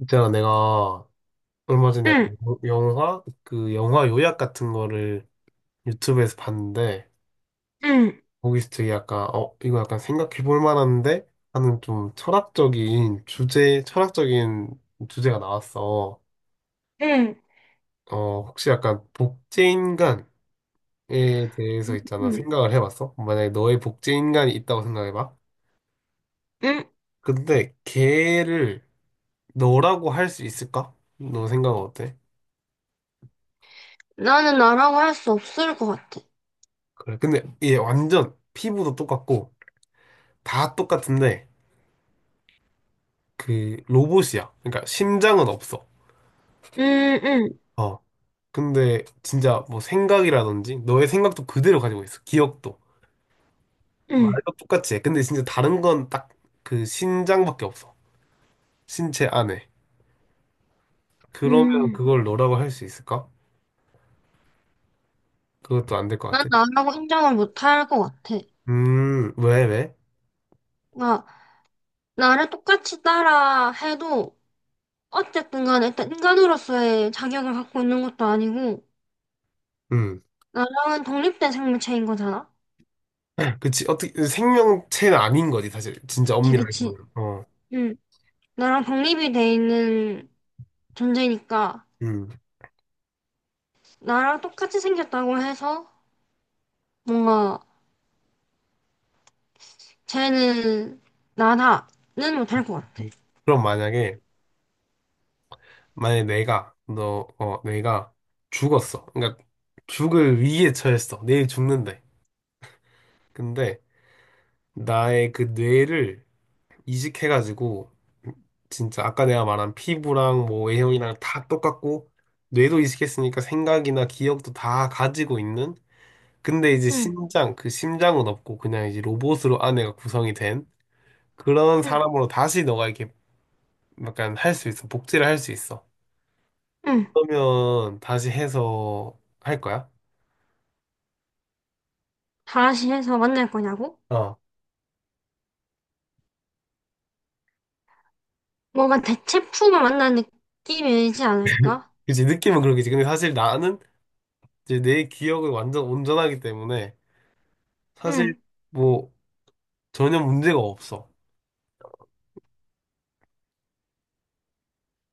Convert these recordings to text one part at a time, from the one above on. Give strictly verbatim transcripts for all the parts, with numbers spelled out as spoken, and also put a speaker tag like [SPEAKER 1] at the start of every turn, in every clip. [SPEAKER 1] 있잖아, 내가 얼마 전에 약간
[SPEAKER 2] 응,
[SPEAKER 1] 여- 영화, 그 영화 요약 같은 거를 유튜브에서 봤는데,
[SPEAKER 2] 응,
[SPEAKER 1] 거기서 되게 약간, 어, 이거 약간 생각해 볼 만한데? 하는 좀 철학적인 주제, 철학적인 주제가 나왔어.
[SPEAKER 2] 응,
[SPEAKER 1] 어, 혹시 약간 복제인간에 대해서 있잖아,
[SPEAKER 2] 응,
[SPEAKER 1] 생각을 해봤어? 만약에 너의 복제인간이 있다고 생각해봐.
[SPEAKER 2] 응.
[SPEAKER 1] 근데 걔를 너라고 할 수 있을까? 너 생각은 어때?
[SPEAKER 2] 나는 나라고 할 수 없을 것 같아.
[SPEAKER 1] 그래. 근데 얘 완전 피부도 똑같고, 다 똑같은데 그 로봇이야. 그러니까 심장은 없어.
[SPEAKER 2] 응, 응,
[SPEAKER 1] 어. 근데 진짜 뭐 생각이라든지 너의 생각도 그대로 가지고 있어. 기억도.
[SPEAKER 2] 응,
[SPEAKER 1] 말도 똑같이 해. 근데 진짜 다른 건 딱 그 심장밖에 없어. 신체 안에. 그러면
[SPEAKER 2] 응.
[SPEAKER 1] 그걸 너라고 할 수 있을까? 그것도 안 될 것
[SPEAKER 2] 난
[SPEAKER 1] 같아.
[SPEAKER 2] 나라고 인정을 못할 것 같아.
[SPEAKER 1] 음, 왜, 왜?
[SPEAKER 2] 나, 나를 똑같이 따라 해도 어쨌든 간에 일단 인간으로서의 자격을 갖고 있는 것도 아니고
[SPEAKER 1] 음.
[SPEAKER 2] 나랑은 독립된 생물체인 거잖아.
[SPEAKER 1] 그치. 어떻게, 생명체는 아닌 거지, 사실. 진짜
[SPEAKER 2] 그치,
[SPEAKER 1] 엄밀하게 보면.
[SPEAKER 2] 그치.
[SPEAKER 1] 어.
[SPEAKER 2] 응. 나랑 독립이 돼 있는 존재니까
[SPEAKER 1] 음.
[SPEAKER 2] 나랑 똑같이 생겼다고 해서 뭔가 쟤는 나라는 못할 것 같아.
[SPEAKER 1] 그럼 만약에 만약에 내가 너 어 내가 죽었어. 그러니까 죽을 위기에 처했어. 내일 죽는데. 근데 나의 그 뇌를 이식해가지고 진짜 아까 내가 말한 피부랑 뭐 외형이랑 다 똑같고 뇌도 이식했으니까 생각이나 기억도 다 가지고 있는 근데 이제
[SPEAKER 2] 응,
[SPEAKER 1] 심장 그 심장은 없고 그냥 이제 로봇으로 아내가 구성이 된 그런
[SPEAKER 2] 응,
[SPEAKER 1] 사람으로 다시 너가 이렇게 약간 할 수 있어 복제를 할 수 있어
[SPEAKER 2] 응.
[SPEAKER 1] 그러면 다시 해서 할 거야?
[SPEAKER 2] 다시 해서 만날 거냐고?
[SPEAKER 1] 어,
[SPEAKER 2] 뭔가 대체품을 만난 느낌이지 않을까?
[SPEAKER 1] 그치, 느낌은 그렇겠지. 근데 사실 나는 이제 내 기억은 완전 온전하기 때문에 사실
[SPEAKER 2] 응.
[SPEAKER 1] 뭐 전혀 문제가 없어.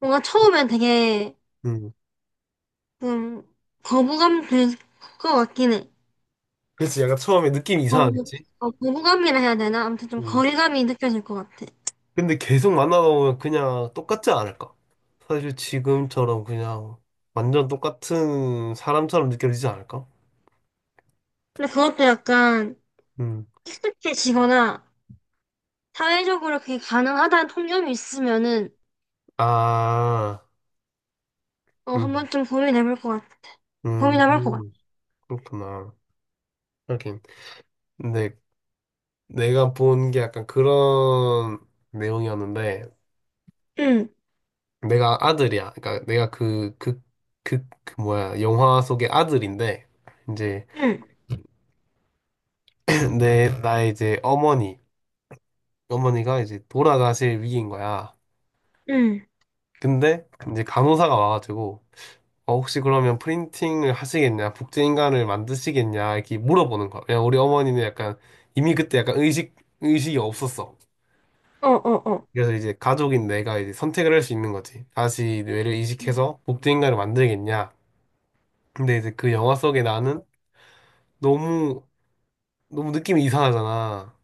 [SPEAKER 2] 뭔가 처음엔 되게
[SPEAKER 1] 음.
[SPEAKER 2] 좀 거부감 들 것 같긴 해.
[SPEAKER 1] 그치, 약간 처음에 느낌이
[SPEAKER 2] 어,
[SPEAKER 1] 이상하겠지?
[SPEAKER 2] 어, 거부감이라 해야 되나? 아무튼 좀
[SPEAKER 1] 음.
[SPEAKER 2] 거리감이 느껴질 것 같아.
[SPEAKER 1] 근데 계속 만나다 보면 그냥 똑같지 않을까? 사실 지금처럼 그냥 완전 똑같은 사람처럼 느껴지지 않을까?
[SPEAKER 2] 근데 그것도 약간
[SPEAKER 1] 음.
[SPEAKER 2] 익숙해지거나 사회적으로 그게 가능하다는 통념이 있으면은
[SPEAKER 1] 아,
[SPEAKER 2] 어, 한
[SPEAKER 1] 음,
[SPEAKER 2] 번쯤 고민해볼 것 같아.
[SPEAKER 1] 음,
[SPEAKER 2] 고민해볼 것 같아.
[SPEAKER 1] 그렇구나. 하긴. 근데 내가 본 게 약간 그런 내용이었는데
[SPEAKER 2] 응,
[SPEAKER 1] 내가 아들이야. 그러니까 내가 그, 그, 그, 그 뭐야, 영화 속의 아들인데, 이제
[SPEAKER 2] 응.
[SPEAKER 1] 내, 나의 이제 어머니, 어머니가 이제 돌아가실 위기인 거야.
[SPEAKER 2] 응,
[SPEAKER 1] 근데 이제 간호사가 와가지고, 어, 혹시 그러면 프린팅을 하시겠냐? 복제인간을 만드시겠냐? 이렇게 물어보는 거야. 왜냐 우리 어머니는 약간, 이미 그때 약간 의식, 의식이 없었어.
[SPEAKER 2] 어, 어, 어,
[SPEAKER 1] 그래서 이제 가족인 내가 이제 선택을 할 수 있는 거지. 다시 뇌를 이식해서 복제인간을 만들겠냐? 근데 이제 그 영화 속에 나는 너무 너무 느낌이 이상하잖아.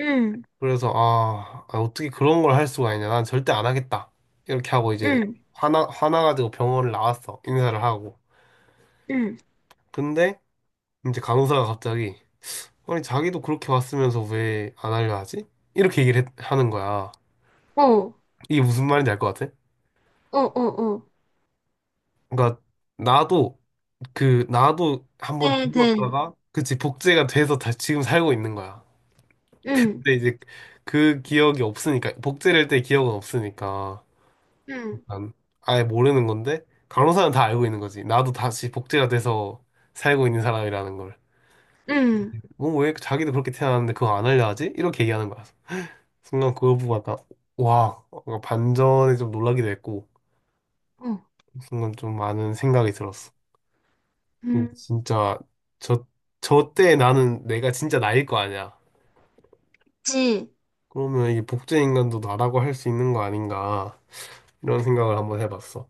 [SPEAKER 2] 응,
[SPEAKER 1] 그래서 아, 아, 어떻게 그런 걸 할 수가 있냐. 난 절대 안 하겠다. 이렇게 하고 이제
[SPEAKER 2] 응,
[SPEAKER 1] 화나 화나가지고 병원을 나왔어. 인사를 하고.
[SPEAKER 2] 응,
[SPEAKER 1] 근데 이제 간호사가 갑자기 아니 자기도 그렇게 왔으면서 왜 안 하려 하지? 이렇게 얘기를 했- 하는 거야.
[SPEAKER 2] 어, 어,
[SPEAKER 1] 이게 무슨 말인지 알 것 같아?
[SPEAKER 2] 어, 어,
[SPEAKER 1] 그러니까 나도 그 나도 한번
[SPEAKER 2] 네, 된,
[SPEAKER 1] 죽었다가 그치 복제가 돼서 다 지금 살고 있는 거야.
[SPEAKER 2] 응,
[SPEAKER 1] 근데 이제 그 기억이 없으니까 복제를 할 때 기억은 없으니까.
[SPEAKER 2] 응,
[SPEAKER 1] 난 아예 모르는 건데 간호사는 다 알고 있는 거지. 나도 다시 복제가 돼서 살고 있는 사람이라는 걸.
[SPEAKER 2] 응,
[SPEAKER 1] 뭐 왜 자기도 그렇게 태어났는데 그거 안 알려하지? 이렇게 얘기하는 거야. 순간 그거 보고 약간 와 뭔가 반전에 좀 놀라기도 했고
[SPEAKER 2] 어,
[SPEAKER 1] 순간 좀 많은 생각이 들었어. 이게
[SPEAKER 2] 응,
[SPEAKER 1] 진짜 저 저 때 나는 내가 진짜 나일 거 아니야.
[SPEAKER 2] 그치.
[SPEAKER 1] 그러면 이게 복제 인간도 나라고 할 수 있는 거 아닌가 이런 생각을 한번 해봤어.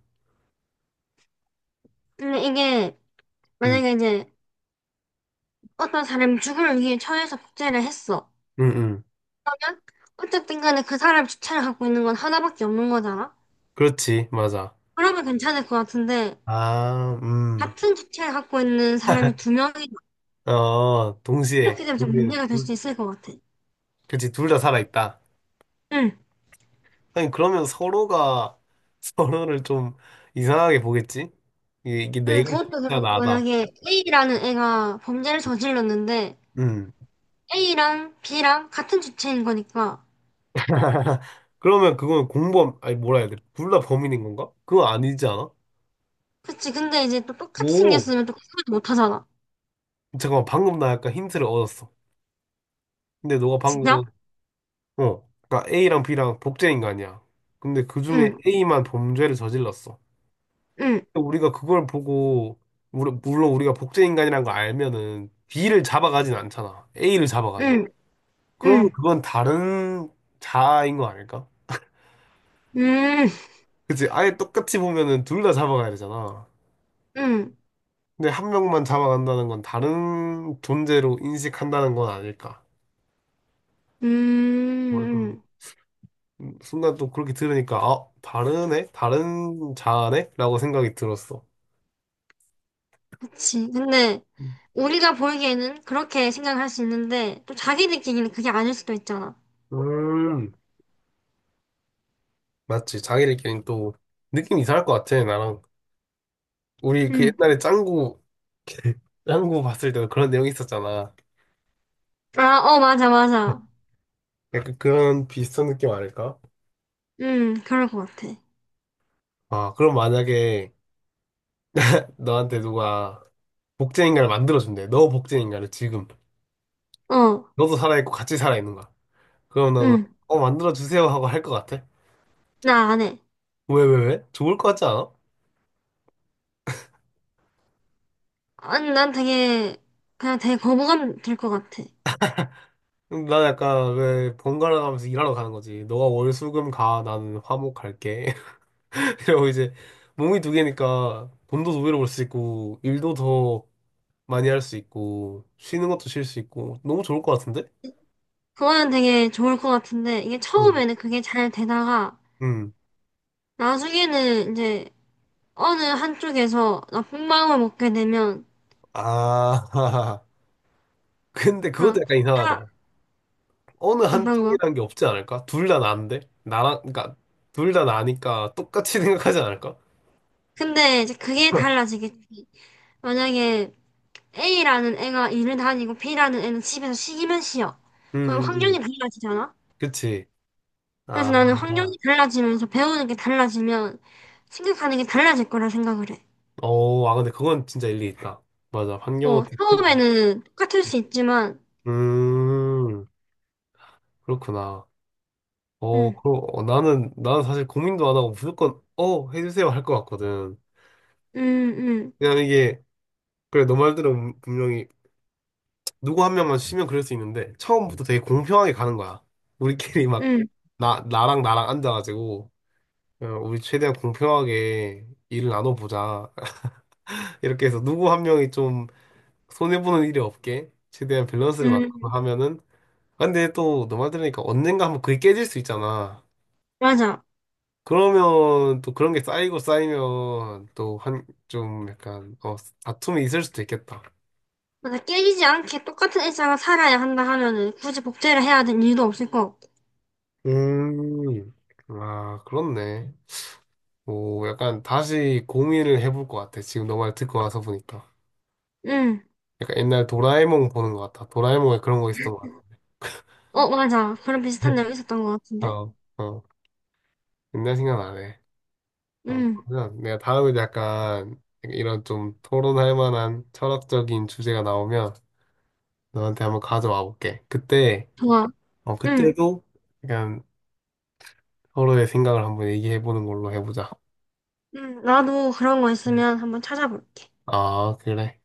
[SPEAKER 2] 근데 이게,
[SPEAKER 1] 응,
[SPEAKER 2] 만약에 이제, 어떤 사람이 죽음을 위해 처해서 복제를 했어.
[SPEAKER 1] 응, 응.
[SPEAKER 2] 그러면, 어쨌든 간에 그 사람 주체를 갖고 있는 건 하나밖에 없는 거잖아?
[SPEAKER 1] 그렇지, 맞아.
[SPEAKER 2] 그러면 괜찮을 것 같은데,
[SPEAKER 1] 아, 음.
[SPEAKER 2] 같은 주체를 갖고 있는 사람이 두 명이,
[SPEAKER 1] 어, 동시에,
[SPEAKER 2] 이렇게 되면 좀
[SPEAKER 1] 동시에
[SPEAKER 2] 문제가 될
[SPEAKER 1] 둘,
[SPEAKER 2] 수 있을 것 같아.
[SPEAKER 1] 그치, 둘 다 살아있다.
[SPEAKER 2] 응,
[SPEAKER 1] 아니, 그러면 서로가 서로를 좀 이상하게 보겠지? 이게, 이게
[SPEAKER 2] 응,
[SPEAKER 1] 내가
[SPEAKER 2] 그것도
[SPEAKER 1] 진짜
[SPEAKER 2] 그렇고,
[SPEAKER 1] 나다.
[SPEAKER 2] 만약에 에이라는 애가 범죄를 저질렀는데,
[SPEAKER 1] 음.
[SPEAKER 2] 에이랑 비랑 같은 주체인 거니까.
[SPEAKER 1] 그러면 그건 공범, 아니, 뭐라 해야 돼? 둘 다 범인인 건가? 그건 아니지 않아?
[SPEAKER 2] 그치. 근데 이제 또 똑같이
[SPEAKER 1] 오,
[SPEAKER 2] 생겼으면 또 구분 못 하잖아.
[SPEAKER 1] 잠깐만, 방금 나 약간 힌트를 얻었어. 근데 너가
[SPEAKER 2] 진짜?
[SPEAKER 1] 방금, 어, 그러니까 A랑 B랑 복제인 거 아니야? 근데 그 중에
[SPEAKER 2] 응,
[SPEAKER 1] A만 범죄를 저질렀어.
[SPEAKER 2] 응,
[SPEAKER 1] 우리가 그걸 보고 우리- 물론 우리가 복제 인간이라는 걸 알면은 B를 잡아가진 않잖아. A를 잡아가지.
[SPEAKER 2] 응,
[SPEAKER 1] 그러면
[SPEAKER 2] 응,
[SPEAKER 1] 그건 다른 자아인 거 아닐까?
[SPEAKER 2] 응,
[SPEAKER 1] 그치? 아예 똑같이 보면은 둘 다 잡아가야 되잖아.
[SPEAKER 2] 응,
[SPEAKER 1] 근데 한 명만 잡아간다는 건 다른 존재로 인식한다는 건 아닐까?
[SPEAKER 2] 응,
[SPEAKER 1] 뭘 그
[SPEAKER 2] 응.
[SPEAKER 1] 음, 순간 또 그렇게 들으니까 아 다르네? 다른 자아네? 라고 생각이 들었어.
[SPEAKER 2] 그치. 근데 우리가 보기에는 그렇게 생각할 수 있는데 또 자기들끼리는 그게 아닐 수도 있잖아.
[SPEAKER 1] 음 맞지 자기들끼리 또 느낌 이상할 것 같아 나랑 우리 그
[SPEAKER 2] 응.
[SPEAKER 1] 옛날에 짱구 짱구 봤을 때도 그런 내용이 있었잖아.
[SPEAKER 2] 아, 어, 맞아, 맞아.
[SPEAKER 1] 약간 그런 비슷한 느낌 아닐까?
[SPEAKER 2] 응, 그럴 것 같아.
[SPEAKER 1] 아, 그럼 만약에 너한테 누가 복제인간을 만들어준대. 너 복제인간을 지금.
[SPEAKER 2] 어,
[SPEAKER 1] 너도 살아있고 같이 살아있는 거야. 그럼 너는,
[SPEAKER 2] 응.
[SPEAKER 1] 어, 만들어주세요 하고 할 것 같아?
[SPEAKER 2] 나 안 해.
[SPEAKER 1] 왜, 왜, 왜? 좋을 것 같지 않아?
[SPEAKER 2] 아니, 난 되게, 그냥 되게 거부감 들 것 같아.
[SPEAKER 1] 음, 난 약간 왜 번갈아 가면서 일하러 가는 거지. 너가 월, 수, 금 가. 나는 화목 갈게. 이러고 이제 몸이 두 개니까 돈도 두 배로 벌 수 있고, 일도 더 많이 할 수 있고, 쉬는 것도 쉴 수 있고, 너무 좋을 것 같은데?
[SPEAKER 2] 그거는 되게 좋을 것 같은데, 이게
[SPEAKER 1] 응.
[SPEAKER 2] 처음에는 그게 잘 되다가,
[SPEAKER 1] 음.
[SPEAKER 2] 나중에는 이제 어느 한쪽에서 나쁜 마음을 먹게 되면,
[SPEAKER 1] 아, 근데 그것도
[SPEAKER 2] 그냥
[SPEAKER 1] 약간
[SPEAKER 2] 다,
[SPEAKER 1] 이상하다. 어느
[SPEAKER 2] 어떤 거.
[SPEAKER 1] 한쪽이란 게 없지 않을까? 둘 다 나인데? 나랑, 그러니까, 둘 다 나니까 똑같이 생각하지 않을까?
[SPEAKER 2] 근데 이제 그게 달라지겠지. 만약에 A라는 애가 일을 다니고 비라는 애는 집에서 쉬기만 쉬어. 그럼
[SPEAKER 1] 음, 음,
[SPEAKER 2] 환경이
[SPEAKER 1] 음.
[SPEAKER 2] 달라지잖아?
[SPEAKER 1] 그치.
[SPEAKER 2] 그래서
[SPEAKER 1] 아,
[SPEAKER 2] 나는 환경이 달라지면서 배우는 게 달라지면 생각하는 게 달라질 거라 생각을 해.
[SPEAKER 1] 어, 아, 근데 그건 진짜 일리 있다. 맞아. 환경은
[SPEAKER 2] 어,
[SPEAKER 1] 또 큰,
[SPEAKER 2] 처음에는 똑같을 수 있지만,
[SPEAKER 1] 음, 그렇구나. 어,
[SPEAKER 2] 음,
[SPEAKER 1] 그럼, 어, 나는, 나는 사실 고민도 안 하고 무조건, 어, 해주세요 할 것 같거든.
[SPEAKER 2] 음, 음,
[SPEAKER 1] 그냥 이게, 그래, 너 말대로 분명히 누구 한 명만 쉬면 그럴 수 있는데 처음부터 되게 공평하게 가는 거야. 우리끼리 막
[SPEAKER 2] 음.
[SPEAKER 1] 나, 나랑 나랑 앉아가지고 어, 우리 최대한 공평하게 일을 나눠보자. 이렇게 해서 누구 한 명이 좀 손해보는 일이 없게 최대한 밸런스를
[SPEAKER 2] 음.
[SPEAKER 1] 맞춰서
[SPEAKER 2] 음.
[SPEAKER 1] 하면은 아, 근데 또 너 말 들으니까 언젠가 한번 그게 깨질 수 있잖아.
[SPEAKER 2] 맞아.
[SPEAKER 1] 그러면 또 그런 게 쌓이고 쌓이면 또 한 좀 약간 어 다툼이 있을 수도 있겠다.
[SPEAKER 2] 맞아. 깨지지 않게 똑같은 일상을 살아야 한다 하면은 굳이 복제를 해야 될 이유도 없을 것 같고.
[SPEAKER 1] 음, 아 그렇네. 오, 약간 다시 고민을 해볼 것 같아. 지금 너 말 듣고 와서 보니까.
[SPEAKER 2] 응.
[SPEAKER 1] 약간 옛날 도라에몽 보는 것 같아. 도라에몽에 그런 거 있었던 것 같아.
[SPEAKER 2] 어, 맞아. 그런 비슷한 내용 있었던 것 같은데?
[SPEAKER 1] 어, 어. 옛날 생각나네. 어,
[SPEAKER 2] 응.
[SPEAKER 1] 그러면 내가 다음에 약간 이런 좀 토론할 만한 철학적인 주제가 나오면 너한테 한번 가져와 볼게. 그때,
[SPEAKER 2] 좋아.
[SPEAKER 1] 어,
[SPEAKER 2] 응.
[SPEAKER 1] 그때도 약간 서로의 생각을 한번 얘기해 보는 걸로 해보자.
[SPEAKER 2] 응. 나도 그런 거
[SPEAKER 1] 음.
[SPEAKER 2] 있으면 한번 찾아볼게.
[SPEAKER 1] 아, 그래.